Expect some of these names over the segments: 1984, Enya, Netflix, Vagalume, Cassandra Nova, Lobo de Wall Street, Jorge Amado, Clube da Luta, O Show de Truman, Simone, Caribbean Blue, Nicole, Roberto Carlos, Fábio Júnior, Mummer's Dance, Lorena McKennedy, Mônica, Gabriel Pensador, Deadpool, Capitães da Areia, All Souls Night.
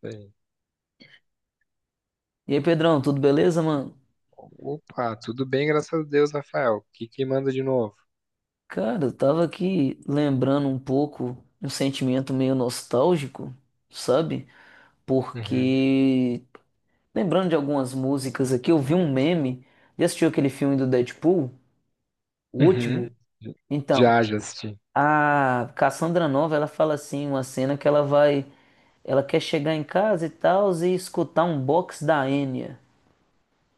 Sei. E aí, Pedrão, tudo beleza, mano? Opa, tudo bem, graças a Deus, Rafael. O que que manda de novo? Cara, eu tava aqui lembrando um pouco um sentimento meio nostálgico, sabe? Uhum. Porque lembrando de algumas músicas aqui, eu vi um meme. Já assistiu aquele filme do Deadpool? O Uhum. último? Então, Já, assisti. a Cassandra Nova, ela fala assim, uma cena que ela vai, ela quer chegar em casa e tal e escutar um box da Enya.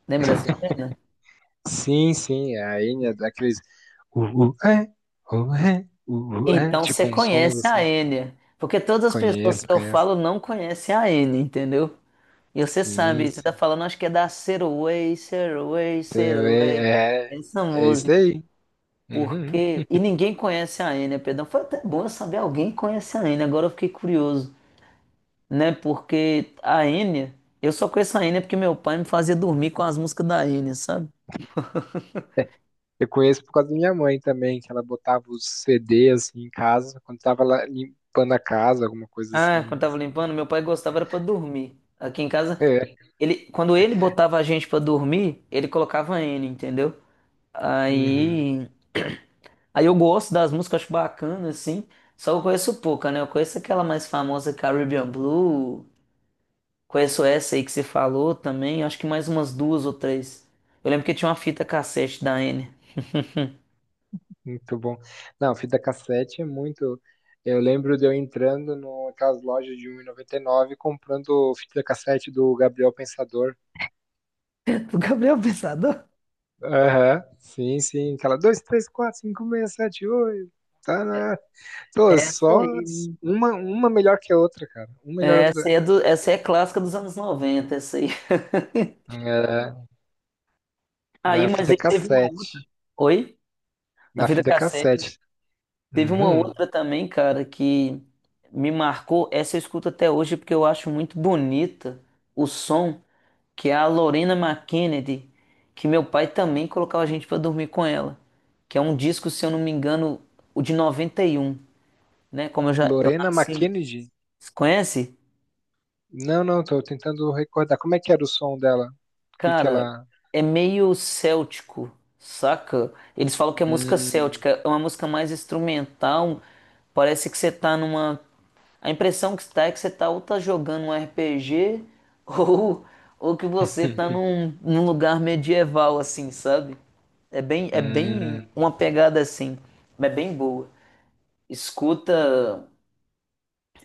Lembra dessa cena? Sim, sim, é a Enya daqueles uh, uh, é, Então você tipo uns sons conhece a assim. Enya, porque todas as pessoas Conheço, que eu conheço. falo não conhecem a Enya, entendeu? E você Sim, sabe, você tá sim. falando, acho que é da Saraway, Saraway, Então, Saraway, É, é, essa é isso música, aí. Uhum. porque... E ninguém conhece a Enya, perdão, foi até bom eu saber alguém conhece a Enya, agora eu fiquei curioso, né? Porque a Enya, eu só conheço a Enya porque meu pai me fazia dormir com as músicas da Enya, sabe? Eu conheço por causa da minha mãe também, que ela botava os CD assim em casa, quando tava lá limpando a casa, alguma coisa Ah, assim, quando tava mas. limpando, meu pai gostava era pra dormir. Aqui em casa, É. quando ele botava a gente pra dormir, ele colocava N, entendeu? Uhum. Aí, aí, eu gosto das músicas, acho bacana, assim. Só que eu conheço pouca, né? Eu conheço aquela mais famosa Caribbean Blue. Conheço essa aí que você falou também. Acho que mais umas duas ou três. Eu lembro que tinha uma fita cassete da N. Muito bom. Não, fita cassete é muito. Eu lembro de eu entrando naquelas lojas de 1,99 e comprando fita cassete do Gabriel Pensador. Do Gabriel Pensador? Aham, sim, sim. Aquela 2 3 4 5 6 7 8. Tá, né? Pô, Essa só aí. uma melhor que a outra, cara. Uma melhor É, que a Essa aí outra. é, do, essa aí é clássica dos anos 90, essa aí. É, na Aí, mas fita ele teve uma cassete. outra. Oi? Na Na fita fita cassete. cassete. Teve uma Uhum. outra também, cara, que me marcou. Essa eu escuto até hoje porque eu acho muito bonita o som, que é a Lorena McKennedy, que meu pai também colocava a gente pra dormir com ela. Que é um disco, se eu não me engano, o de noventa e um, né? Como eu Lorena nasci. McKennedy? Conhece? Não, não, tô tentando recordar. Como é que era o som dela? O que que Cara, ela. é meio céltico, saca? Eles falam que é música Hum. céltica, é uma música mais instrumental. Parece que você tá numa A impressão que está é que você tá ou tá jogando um RPG ou, ou que você tá num lugar medieval, assim, sabe? É bem Hum, uma pegada assim, mas é bem boa. Escuta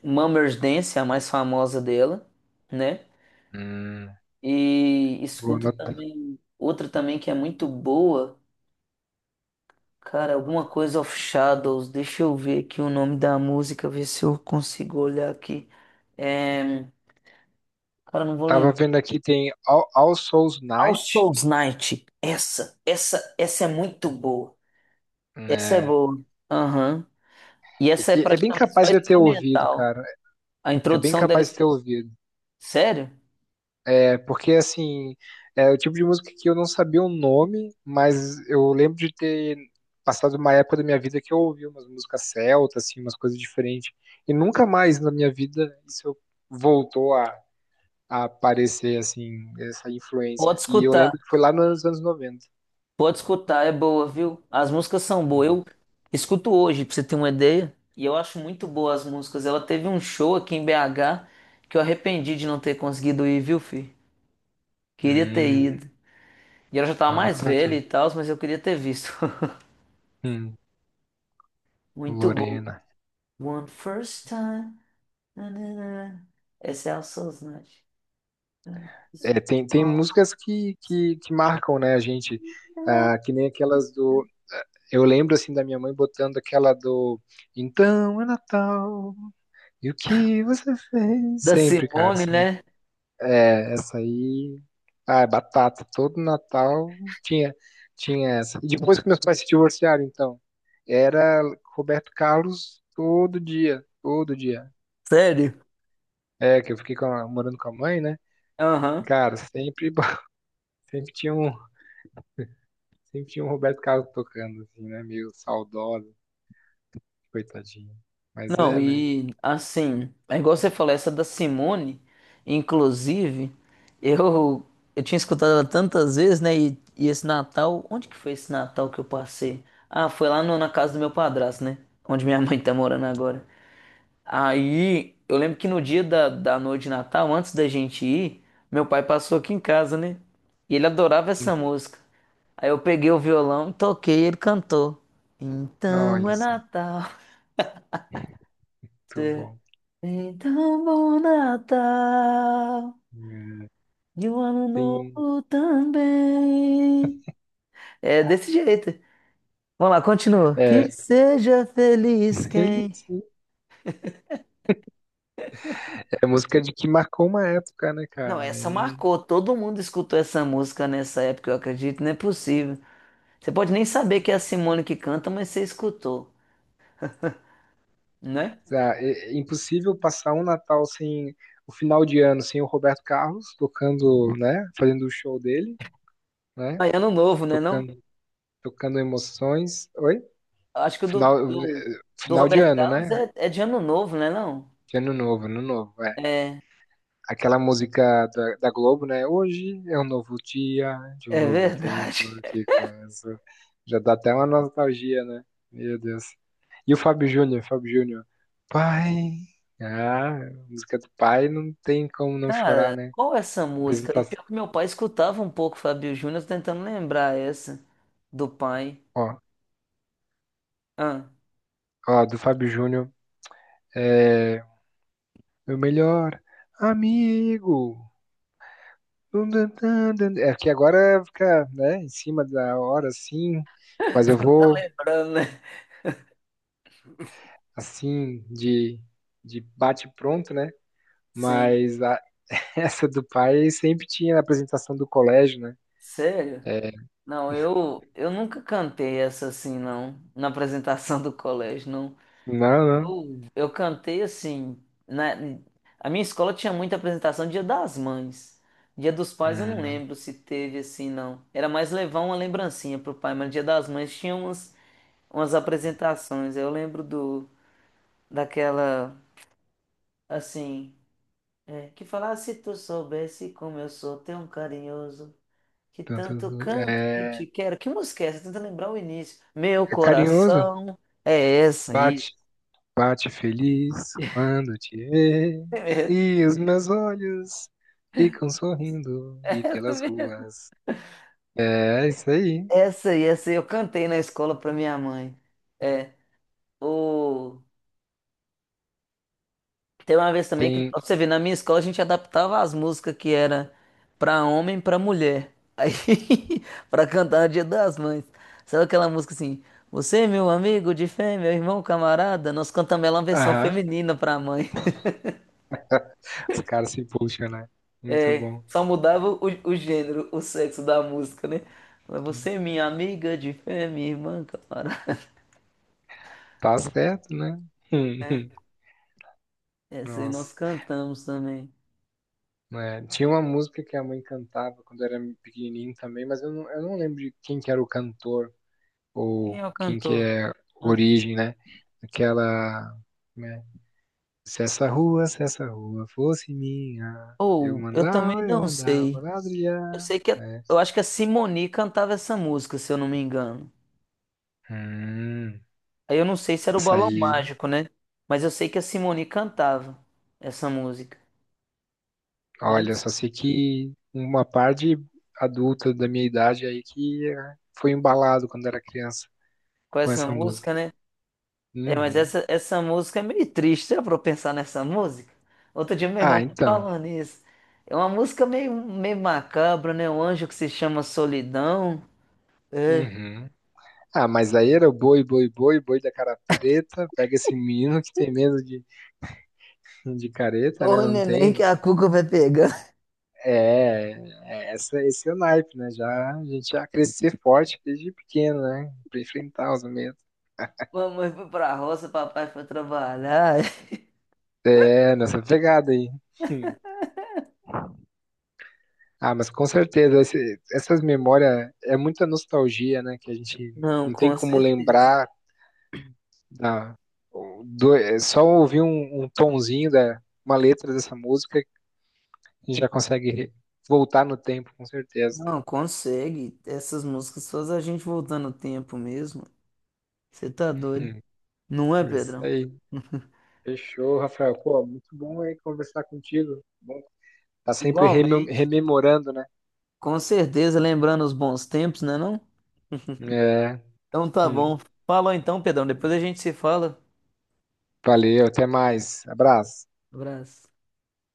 Mummer's Dance, a mais famosa dela, né? hum, E vou escuta anotar. também outra também que é muito boa, cara, alguma coisa of Shadows. Deixa eu ver aqui o nome da música, ver se eu consigo olhar aqui. É, cara, não vou Tava lembrar. vendo aqui, tem All Souls All Night, Souls Night. Essa é muito boa. Essa é né? boa. Aham. E E- essa é e- é bem praticamente só capaz de eu ter ouvido, instrumental. cara. A É bem introdução capaz de deles. ter ouvido. Sério? É porque, assim, é o tipo de música que eu não sabia o nome, mas eu lembro de ter passado uma época da minha vida que eu ouvi umas músicas celtas, assim, umas coisas diferentes. E nunca mais na minha vida isso voltou a aparecer, assim, essa Pode influência. E eu escutar. lembro que foi lá nos anos 90. Pode escutar, é boa, viu? As músicas são boas. Eu escuto hoje, pra você ter uma ideia. E eu acho muito boas as músicas. Ela teve um show aqui em BH que eu arrependi de não ter conseguido ir, viu, filho? Queria ter Hum, ido. E ela já tava mais anotar velha aqui. e tal, mas eu queria ter visto. Hum, Muito boa. Lorena. One first time. Nananã. Esse é o Sosnante. É, tem, tem músicas que marcam, né, a gente. Ah, que nem aquelas do. eh, Eu lembro, assim, da minha mãe botando aquela do. Então é Natal, e o que você fez? Da Sempre, cara, Simone, sempre. né? É, essa aí. Ah, é batata. Todo Natal tinha, tinha essa. E depois que meus pais se divorciaram, então. Era Roberto Carlos todo dia, todo dia. Sério? É, que eu fiquei morando com a mãe, né? E, Aham. cara, sempre, sempre tinha um, sempre tinha um Roberto Carlos tocando, assim, né? Meio saudoso, coitadinho. Mas Não, é, né? e assim, é igual você falou, essa da Simone, inclusive, eu, eu tinha escutado ela tantas vezes, né? E esse Natal, onde que foi esse Natal que eu passei? Ah, foi lá no- na casa do meu padrasto, né? Onde minha mãe tá morando agora. Aí, eu lembro que no dia da noite de Natal, antes da gente ir, meu pai passou aqui em casa, né? E ele adorava Hum. essa música. Aí eu peguei o violão, toquei e ele cantou. Não, Então olha é só, Natal. muito tê- bom. Então bom Natal. É, E um ano tem, novo também. É desse jeito. Vamos lá, continua. Que é, seja feliz ele quem. sim, é música de que marcou uma época, né, Não, cara? essa É, marcou. Todo mundo escutou essa música nessa época, eu acredito. Não é possível. Você pode nem saber que é a Simone que canta, mas você escutou, né? tá, é impossível passar um Natal sem, o final de ano sem o Roberto Carlos tocando, né? Fazendo o show dele, né? Aí, ano novo, né, não? Tocando, tocando emoções. Oi? Acho que o do, Final, do, do final de Roberto ano, Carlos né? é de ano novo, né, não? De ano novo, ano novo, é. É, Aquela música da, da Globo, né? Hoje é um novo dia, de um é, novo tempo verdade. que começa. Já dá até uma nostalgia, né? Meu Deus. E o Fábio Júnior, Fábio Júnior. Pai. Ah, música do pai não tem como não chorar, Cara, né? qual é essa música? E Apresentação. pior que meu pai escutava um pouco Fábio Júnior, tô tentando lembrar essa do pai. Ó, Ah, ó, do Fábio Júnior. É. Meu melhor amigo. Dun, dun, dun, dun. É que agora fica, né, em cima da hora, assim. Mas eu tá vou lembrando, né? assim, de bate-pronto, né? Sim. Mas a- essa do pai sempre tinha na apresentação do colégio, né? Sério? É, Não, eu nunca cantei essa assim, não, na apresentação do colégio, não. não, não. Eu cantei assim. A minha escola tinha muita apresentação Dia das Mães. Dia dos Pais eu não É, lembro se teve assim, não. Era mais levar uma lembrancinha pro pai, mas Dia das Mães tinha umas apresentações. Eu lembro do daquela assim, é, que falava se tu soubesse como eu sou tão carinhoso, que tanto, tanto canto que é, te quero. Que música é essa? Tenta lembrar o início. Meu é carinhoso. coração é essa aí. Bate, bate feliz quando te vê. E os meus olhos ficam sorrindo e pelas ruas. É, é isso aí. Essa aí eu cantei na escola pra minha mãe. É. O... Tem uma vez também que, Tem. pra você ver, na minha escola a gente adaptava as músicas que era pra homem, pra mulher. Aí, pra cantar no Dia das Mães. Sabe aquela música assim? Você, meu amigo de fé, meu irmão, camarada, nós cantamos ela uma versão Aham. feminina pra mãe. Os caras se puxam, né? Muito É, bom. só mudava o gênero, o sexo da música, né? Mas Você, minha amiga de fé, minha irmã, camarada. Tá certo, né? Essa aí nós Nossa. cantamos também. Né? Tinha uma música que a mãe cantava quando eu era pequenininho também, mas eu não lembro de quem que era o cantor Quem ou é o quem que cantor? é a Ah, origem, né? Aquela, né? Se essa rua, se essa rua fosse minha, eu ou, eu também mandava, eu não mandava sei. Eu ladrilhar, sei que, né? eu acho que a Simone cantava essa música, se eu não me engano. Hum, Aí eu não sei se era o essa Balão aí, Mágico, né? Mas eu sei que a Simone cantava essa música. Mas não olha, sei. só sei que uma parte adulta da minha idade aí que foi embalado quando era criança Com com essa essa música. música, né? É, mas Uhum. essa, música é meio triste, é pra eu pensar nessa música. Outro dia meu irmão Ah, tá então. falando isso. É uma música meio macabra, né? O anjo que se chama Solidão. É. Uhum. Ah, mas aí era o boi, boi, boi, boi da cara preta. Pega esse menino que tem medo de careta, Dor né? Não neném tem. que a cuca vai pegar. É, é essa, esse é o naipe, né? Já, a gente já crescer forte desde pequeno, né? Pra enfrentar os medos. Mamãe foi pra roça, papai foi trabalhar. É, nessa pegada aí. Hum. Ah, mas com certeza, essas memórias é muita nostalgia, né? Que a gente Não, não tem com como certeza. lembrar da, do, é só ouvir um, um tonzinho da uma letra dessa música gente já consegue voltar no tempo, com certeza. Não, consegue. Essas músicas fazem a gente voltar no tempo mesmo. Você tá doido. Hum, Não é, é isso Pedrão? aí. Fechou, Rafael. Pô, muito bom aí conversar contigo. Bom, tá sempre Igualmente. rememorando, né? Com certeza, lembrando os bons tempos, né, não? É. Então tá Hum. bom. Falou então, Pedrão. Depois a gente se fala. Valeu, até mais. Abraço. Abraço.